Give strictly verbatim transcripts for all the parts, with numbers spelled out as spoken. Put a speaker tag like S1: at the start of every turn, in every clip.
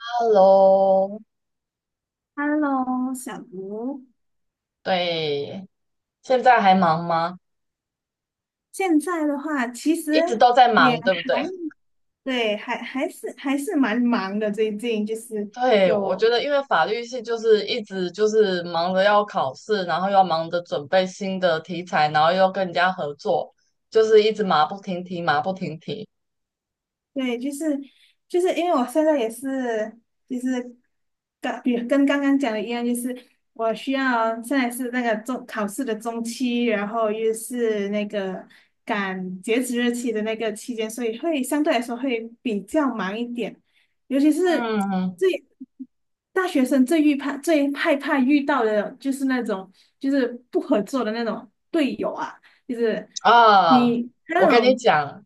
S1: Hello，
S2: Hello，小吴，
S1: 对，现在还忙吗？
S2: 现在的话其
S1: 一直
S2: 实
S1: 都在
S2: 也
S1: 忙，
S2: 还
S1: 对不对？
S2: 对，还还是还是蛮忙的。最近就是
S1: 对，我
S2: 有
S1: 觉得因为法律系就是一直就是忙着要考试，然后又要忙着准备新的题材，然后又要跟人家合作，就是一直马不停蹄，马不停蹄。
S2: 对。就是就是因为我现在也是，就是刚比跟刚刚讲的一样，就是我需要现在是那个中考试的中期，然后又是那个赶截止日期的那个期间，所以会相对来说会比较忙一点，尤其是
S1: 嗯
S2: 最大学生最遇怕最害怕遇到的就是那种就是不合作的那种队友啊，就是
S1: 啊，
S2: 你
S1: 我
S2: 那
S1: 跟你
S2: 种
S1: 讲，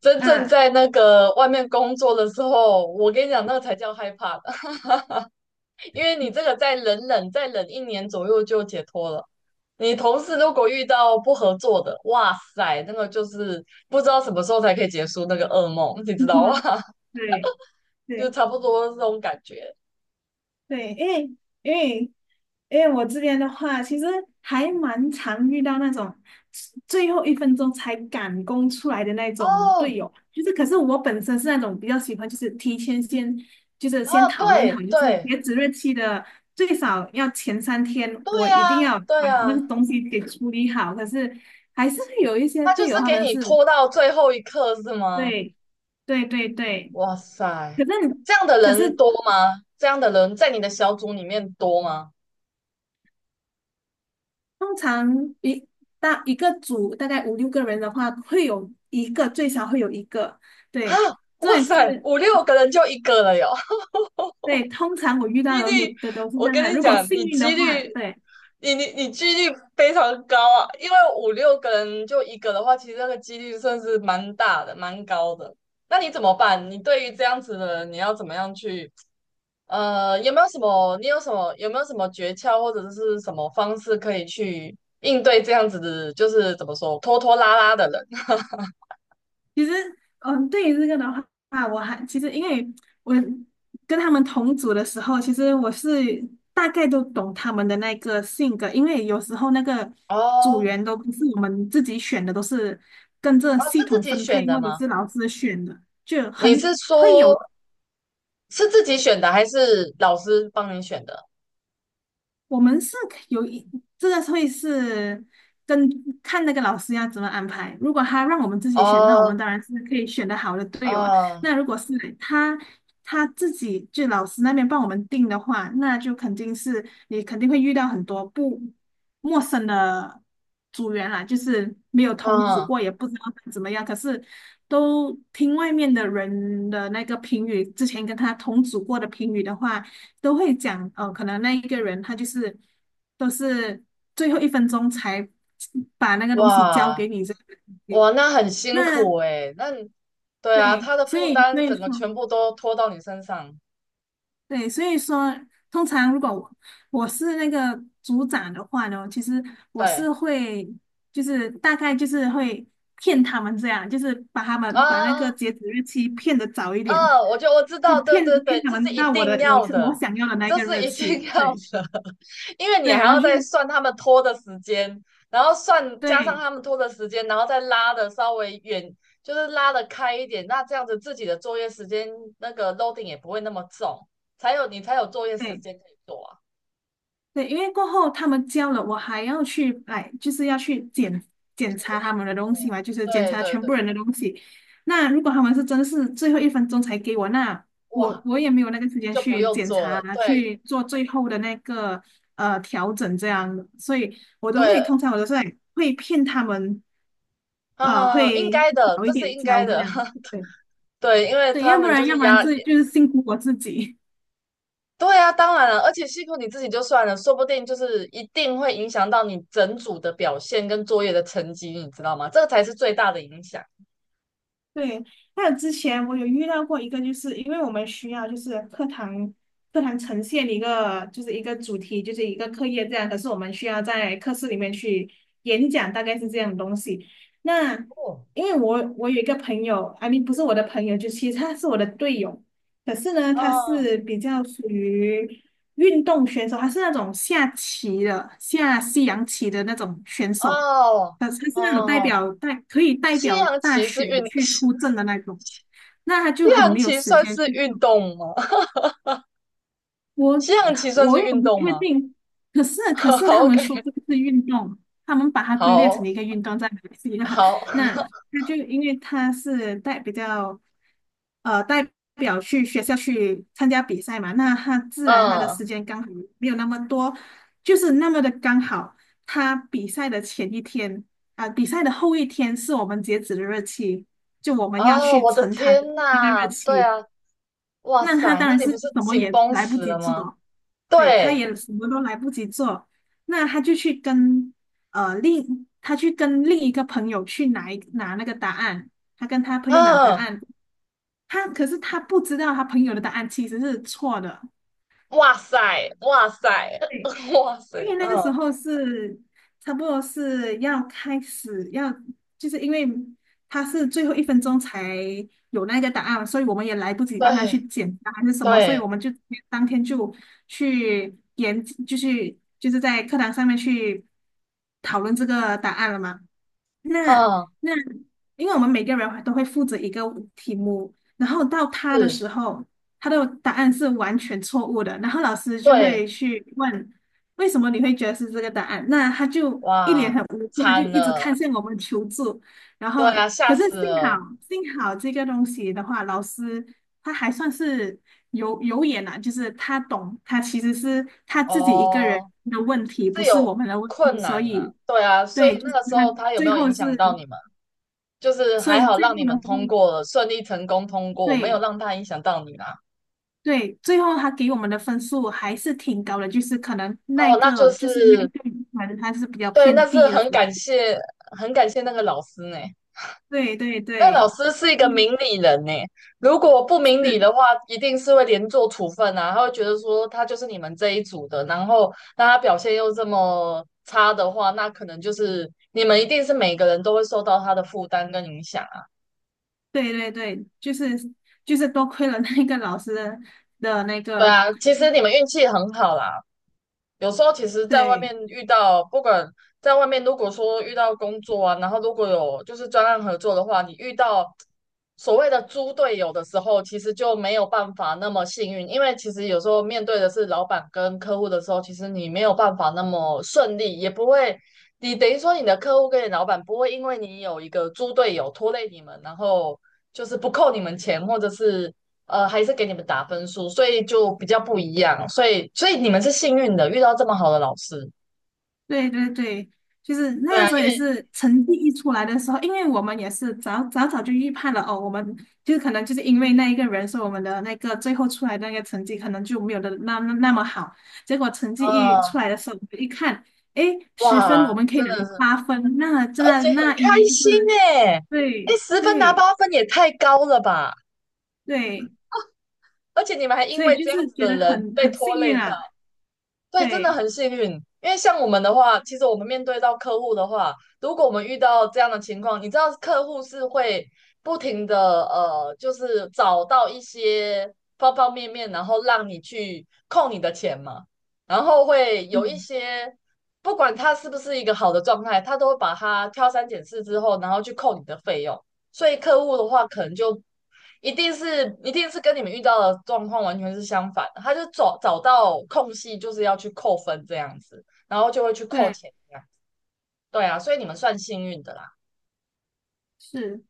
S1: 真正
S2: 啊。
S1: 在那个外面工作的时候，我跟你讲，那个才叫害怕的，因为你这个再忍忍，再忍一年左右就解脱了。你同事如果遇到不合作的，哇塞，那个就是不知道什么时候才可以结束那个噩梦，你知道吗？
S2: 对。
S1: 就
S2: 对
S1: 差不多这种感觉。
S2: 对。因为因为因为我这边的话，其实还蛮常遇到那种最后一分钟才赶工出来的那种队
S1: 哦，
S2: 友，就是可是我本身是那种比较喜欢，就是提前先就是
S1: 啊，
S2: 先讨论好，
S1: 对
S2: 就是
S1: 对
S2: 截止日期的最少要前三天，
S1: 对
S2: 我一定
S1: 呀，
S2: 要
S1: 对
S2: 把那
S1: 呀，
S2: 个东西给处理好。可是还是会有一些
S1: 他就
S2: 队友
S1: 是
S2: 他
S1: 给
S2: 们
S1: 你
S2: 是
S1: 拖到最后一刻是吗？
S2: 对对对对。
S1: 哇
S2: 可
S1: 塞，
S2: 是
S1: 这样的
S2: 可
S1: 人
S2: 是
S1: 多吗？这样的人在你的小组里面多吗？
S2: 通常一大一个组大概五六个人的话，会有一个最少会有一个。
S1: 啊，
S2: 对。重
S1: 哇
S2: 点
S1: 塞，
S2: 是，
S1: 五六个人就一个了哟。
S2: 对，通常我遇
S1: 几
S2: 到的都
S1: 率，
S2: 的都是这
S1: 我
S2: 样的。
S1: 跟你
S2: 如果
S1: 讲，你
S2: 幸运
S1: 几
S2: 的话，
S1: 率，
S2: 对。
S1: 你你你几率非常高啊，因为五六个人就一个的话，其实那个几率算是蛮大的，蛮高的。那你怎么办？你对于这样子的人，你要怎么样去？呃，有没有什么？你有什么？有没有什么诀窍或者是什么方式可以去应对这样子的？就是怎么说，拖拖拉拉的人？
S2: 其实，嗯，对于这个的话，我还其实因为我跟他们同组的时候，其实我是大概都懂他们的那个性格，因为有时候那个组
S1: 哦，
S2: 员都不是我们自己选的，都是跟着
S1: 哦，
S2: 系
S1: 是自
S2: 统
S1: 己
S2: 分
S1: 选
S2: 配
S1: 的
S2: 或者
S1: 吗？
S2: 是老师选的。就很
S1: 你是说，是自己选的，还是老师帮你选的？
S2: 我们是可有一这个会是跟看那个老师要怎么安排。如果他让我们自己选，那我们
S1: 哦，
S2: 当然是可以选的好的队友啊。
S1: 嗯
S2: 那如果是他他自己就老师那边帮我们定的话，那就肯定是你肯定会遇到很多不陌生的组员啦，就是没有同组
S1: 嗯，
S2: 过，也不知道他怎么样。可是都听外面的人的那个评语，之前跟他同组过的评语的话。都会讲，哦，可能那一个人他就是都是最后一分钟才把那个东西交
S1: 哇
S2: 给你这个东
S1: 哇，
S2: 西。
S1: 那很辛
S2: 那
S1: 苦诶，那你对啊，
S2: 对。
S1: 他的
S2: 所
S1: 负
S2: 以所
S1: 担
S2: 以
S1: 整
S2: 说，
S1: 个全部都拖到你身上，
S2: 对，所以说，通常如果我我是那个组长的话呢，其实我
S1: 对
S2: 是会就是大概就是会骗他们这样，就是把他
S1: 啊
S2: 们把那个
S1: 啊，
S2: 截止日期骗得早一点，
S1: 啊我就我知
S2: 就
S1: 道，对对
S2: 骗骗
S1: 对，
S2: 他
S1: 这是
S2: 们
S1: 一
S2: 到我
S1: 定
S2: 的我
S1: 要
S2: 我
S1: 的，
S2: 想要的那
S1: 这
S2: 个
S1: 是
S2: 日
S1: 一定
S2: 期。
S1: 要
S2: 对
S1: 的，因为你
S2: 对。
S1: 还
S2: 然
S1: 要
S2: 后就
S1: 再算他们拖的时间，然后算加上
S2: 对。
S1: 他们拖的时间，然后再拉的稍微远，就是拉的开一点，那这样子自己的作业时间那个 loading 也不会那么重，才有你才有作业时
S2: 对
S1: 间可以做啊。
S2: 对。因为过后他们交了，我还要去哎，就是要去检检
S1: 独
S2: 查他
S1: 立
S2: 们的东西嘛，就是检
S1: 对对
S2: 查全部
S1: 对，
S2: 人的东西。那如果他们是真是最后一分钟才给我，那我
S1: 哇，
S2: 我也没有那个时间
S1: 就不
S2: 去
S1: 用
S2: 检
S1: 做了。
S2: 查，
S1: 对
S2: 去做最后的那个呃调整这样的，所以我都会
S1: 对，
S2: 通常我都是哎会骗他们，
S1: 哈
S2: 呃，
S1: 哈，应
S2: 会
S1: 该的，
S2: 早一
S1: 这是
S2: 点
S1: 应
S2: 交
S1: 该
S2: 这
S1: 的。
S2: 样。对
S1: 对，因为
S2: 对。
S1: 他
S2: 要不
S1: 们就
S2: 然要
S1: 是
S2: 不然
S1: 压，
S2: 这就是辛苦我自己。
S1: 对啊，当然了，而且辛苦你自己就算了，说不定就是一定会影响到你整组的表现跟作业的成绩，你知道吗？这个才是最大的影响。
S2: 对，还有之前我有遇到过一个，就是因为我们需要就是课堂课堂呈现一个就是一个主题，就是一个课业这样，可是我们需要在课室里面去演讲，大概是这样的东西。那
S1: 哦，
S2: 因为我我有一个朋友，I m 不是我的朋友，就其实他是我的队友，可是呢，
S1: 哦
S2: 他是比较属于运动选手，他是那种下棋的，下西洋棋的那种选手。
S1: 哦
S2: 他他是那种代
S1: 哦，
S2: 表代可以代
S1: 西
S2: 表
S1: 洋
S2: 大
S1: 棋是
S2: 选
S1: 运，
S2: 去
S1: 西
S2: 出征的那种，那他就很
S1: 洋
S2: 没有
S1: 棋
S2: 时
S1: 算
S2: 间去
S1: 是运
S2: 做。
S1: 动吗？
S2: 我
S1: 西洋棋算
S2: 我
S1: 是
S2: 也
S1: 运
S2: 不
S1: 动
S2: 确
S1: 吗？
S2: 定，可是 可是他
S1: 好
S2: 们说
S1: ，O K，
S2: 这个是运动，他们把它归类成
S1: 好，
S2: 一个运动在马来西亚。
S1: 好。
S2: 那他就因为他是代比较呃代表去学校去参加比赛嘛，那他自然他的
S1: 嗯，
S2: 时间刚好没有那么多，就是那么的刚好，他比赛的前一天啊、比赛的后一天是我们截止的日期，就我们要
S1: 哦，
S2: 去
S1: 我的
S2: 呈堂的
S1: 天
S2: 那个日
S1: 呐，对
S2: 期。
S1: 啊，哇
S2: 那他
S1: 塞，
S2: 当
S1: 那
S2: 然
S1: 你
S2: 是
S1: 不
S2: 什
S1: 是
S2: 么
S1: 紧
S2: 也
S1: 绷
S2: 来不
S1: 死
S2: 及
S1: 了吗？
S2: 做，对，他
S1: 对，
S2: 也什么都来不及做，那他就去跟呃另他去跟另一个朋友去拿一拿那个答案，他跟他朋友拿答
S1: 嗯，
S2: 案，他可是他不知道他朋友的答案其实是错的，
S1: 哇塞，哇塞，
S2: 对。
S1: 哇塞，
S2: 因为那个时
S1: 嗯，
S2: 候是差不多是要开始要，就是因为他是最后一分钟才有那个答案，所以我们也来不及帮他
S1: 对
S2: 去简答还是什么，所以
S1: 对，
S2: 我们就当天就去研，就是就是在课堂上面去讨论这个答案了嘛。那
S1: 嗯，
S2: 那，因为我们每个人都会负责一个题目，然后到他的
S1: 是，
S2: 时候，他的答案是完全错误的，然后老师就
S1: 对，
S2: 会去问为什么你会觉得是这个答案，那他就一脸
S1: 哇，
S2: 很无辜，他就
S1: 惨
S2: 一直
S1: 了，
S2: 看向我们求助，然
S1: 对
S2: 后
S1: 啊，吓
S2: 可是
S1: 死
S2: 幸
S1: 了，
S2: 好幸好这个东西的话，老师他还算是有有眼啊，就是他懂，他其实是他自己一个人
S1: 哦，
S2: 的问题，不
S1: 是
S2: 是
S1: 有
S2: 我们的问题，
S1: 困
S2: 所
S1: 难呐、
S2: 以。
S1: 对啊，所以
S2: 对，就是
S1: 那个时
S2: 他
S1: 候他有没
S2: 最
S1: 有
S2: 后
S1: 影响
S2: 是，
S1: 到你们？就是
S2: 所
S1: 还
S2: 以
S1: 好
S2: 最
S1: 让
S2: 后
S1: 你
S2: 的
S1: 们通
S2: 分
S1: 过了，顺利成功通过，没有
S2: 对
S1: 让他影响到你啦。
S2: 对。最后他给我们的分数还是挺高的，就是可能那
S1: 哦，那就
S2: 个就是那
S1: 是。
S2: 个反正他是比较
S1: 对，那
S2: 偏
S1: 是
S2: 低的
S1: 很
S2: 分
S1: 感
S2: 数
S1: 谢，很感谢那个老师呢。
S2: 对对
S1: 那老
S2: 对。
S1: 师是一个
S2: 嗯
S1: 明理人呢，如果不
S2: 是，
S1: 明理的话，一定是会连坐处分啊。他会觉得说他就是你们这一组的，然后那他表现又这么差的话，那可能就是你们一定是每个人都会受到他的负担跟影响啊。
S2: 对对对。就是就是多亏了那个老师的的那
S1: 对
S2: 个。
S1: 啊，其实你们运气很好啦，有时候其实，在外
S2: 对。
S1: 面遇到，不管在外面，如果说遇到工作啊，然后如果有就是专案合作的话，你遇到所谓的猪队友的时候，其实就没有办法那么幸运，因为其实有时候面对的是老板跟客户的时候，其实你没有办法那么顺利，也不会，你等于说你的客户跟你老板不会因为你有一个猪队友拖累你们，然后就是不扣你们钱，或者是呃，还是给你们打分数，所以就比较不一样。所以，所以你们是幸运的，遇到这么好的老师。
S2: 对对对，就是
S1: 对
S2: 那个
S1: 啊，
S2: 时候
S1: 因
S2: 也
S1: 为
S2: 是成绩一出来的时候，因为我们也是早早早就预判了哦，我们就是可能就是因为那一个人，所以我们的那个最后出来的那个成绩可能就没有的那那那么好。结果成绩一出
S1: 呃，
S2: 来的时候，我们一看，诶，十分我
S1: 哇，
S2: 们可以
S1: 真
S2: 拿
S1: 的
S2: 到
S1: 是，
S2: 八分，那
S1: 而
S2: 真的
S1: 且很
S2: 那应该
S1: 开
S2: 就
S1: 心
S2: 是
S1: 诶，哎，
S2: 对
S1: 十分拿
S2: 对
S1: 八分也太高了吧！
S2: 对。
S1: 而且你们还因
S2: 所以
S1: 为
S2: 就
S1: 这样
S2: 是
S1: 子
S2: 觉
S1: 的
S2: 得
S1: 人
S2: 很
S1: 被
S2: 很幸
S1: 拖
S2: 运
S1: 累到。
S2: 啊。
S1: 对，真的
S2: 对。
S1: 很幸运，因为像我们的话，其实我们面对到客户的话，如果我们遇到这样的情况，你知道客户是会不停的呃，就是找到一些方方面面，然后让你去扣你的钱嘛，然后会有一
S2: 嗯。
S1: 些不管他是不是一个好的状态，他都会把它挑三拣四之后，然后去扣你的费用。所以客户的话，可能就一定是一定是跟你们遇到的状况完全是相反的，他就找找到空隙，就是要去扣分这样子，然后就会去扣
S2: 对。
S1: 钱这样。对啊，所以你们算幸运的啦，
S2: 是。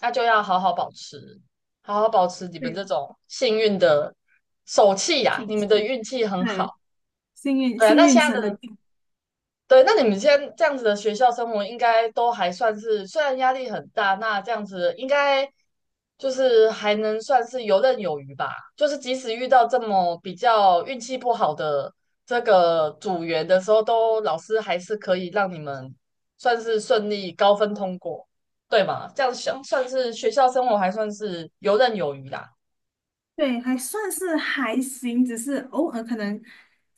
S1: 那就要好好保持，好好保持你们这
S2: 对。
S1: 种幸运的手气呀、
S2: 挺
S1: 你们的运气很好。
S2: 对。幸运
S1: 对啊，
S2: 幸
S1: 那
S2: 运
S1: 现
S2: 神
S1: 在
S2: 的。
S1: 的对，那你们现在这样子的学校生活，应该都还算是，虽然压力很大，那这样子应该就是还能算是游刃有余吧。就是即使遇到这么比较运气不好的这个组员的时候，都老师还是可以让你们算是顺利高分通过，对吗？这样想算是学校生活还算是游刃有余啦。
S2: 对，还算是还行，只是偶尔可能，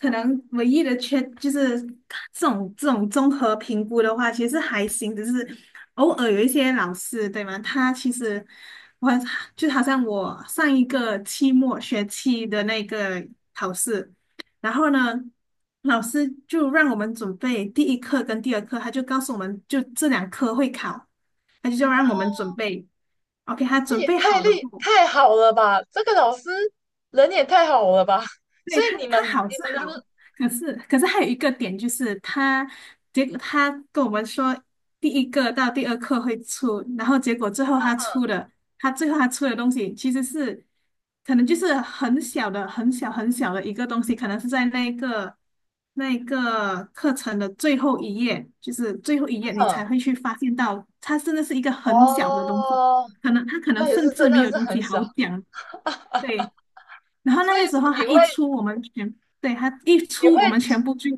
S2: 可能唯一的缺就是这种这种综合评估的话，其实还行，只是偶尔有一些老师，对吗？他其实我就好像我上一个期末学期的那个考试，然后呢，老师就让我们准备第一课跟第二课，他就告诉我们就这两科会考，他就叫让我们准备。OK，他
S1: 那
S2: 准
S1: 也
S2: 备
S1: 太
S2: 好了
S1: 厉
S2: 后。
S1: 太好了吧！这个老师人也太好了吧！
S2: 对。
S1: 所以
S2: 他，
S1: 你们
S2: 他好
S1: 你
S2: 是
S1: 们
S2: 好，
S1: 的
S2: 可是可是还有一个点就是他，结果他跟我们说第一个到第二课会出，然后结果最后他出的，他最后他出的东西其实是可能就是很小的、很小、很小的一个东西，可能是在那个那个课程的最后一页，就是最后一页你才
S1: 嗯。
S2: 会去发现到，它真的是一个很小的东西，
S1: 哦，
S2: 可能它可能
S1: 那也是
S2: 甚
S1: 真
S2: 至没
S1: 的
S2: 有
S1: 是
S2: 东西
S1: 很小，
S2: 好讲。对。然后那
S1: 所
S2: 个
S1: 以
S2: 时
S1: 是不
S2: 候
S1: 你
S2: 他
S1: 会
S2: 一出，我们全，对，他一
S1: 你会
S2: 出，我们全部就，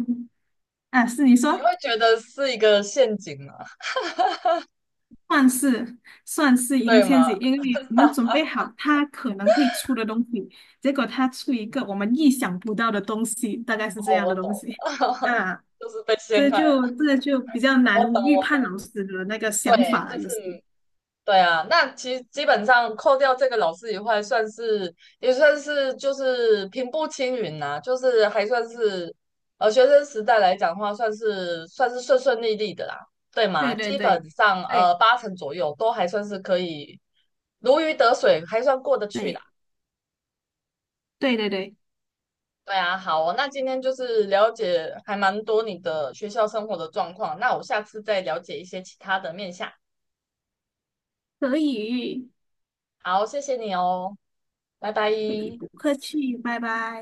S2: 啊，是你
S1: 你
S2: 说，
S1: 会觉得是一个陷阱吗？
S2: 算是算是一个
S1: 对
S2: 陷
S1: 吗？
S2: 阱，因为你们准备好他可能会出的东西，结果他出一个我们意想不到的东西，大概是这
S1: 哦，
S2: 样
S1: 我
S2: 的
S1: 懂
S2: 东
S1: 了，
S2: 西。啊，
S1: 就是被陷
S2: 这
S1: 害了。
S2: 就这就比较
S1: 我懂，
S2: 难预
S1: 我
S2: 判
S1: 懂。
S2: 老师的那个想
S1: 对，
S2: 法
S1: 这
S2: 了，有
S1: 次
S2: 时候。
S1: 对啊，那其实基本上扣掉这个老师以外，算是也算是就是平步青云呐、就是还算是呃学生时代来讲的话，算是算是顺顺利利的啦，对吗？
S2: 对对
S1: 基
S2: 对
S1: 本上
S2: 对
S1: 呃八成左右都还算是可以如鱼得水，还算过得去啦。
S2: 对对对对。
S1: 对啊，好哦，那今天就是了解还蛮多你的学校生活的状况，那我下次再了解一些其他的面相。
S2: 可以。
S1: 好，谢谢你哦，拜拜。
S2: 可以。不客气。拜拜。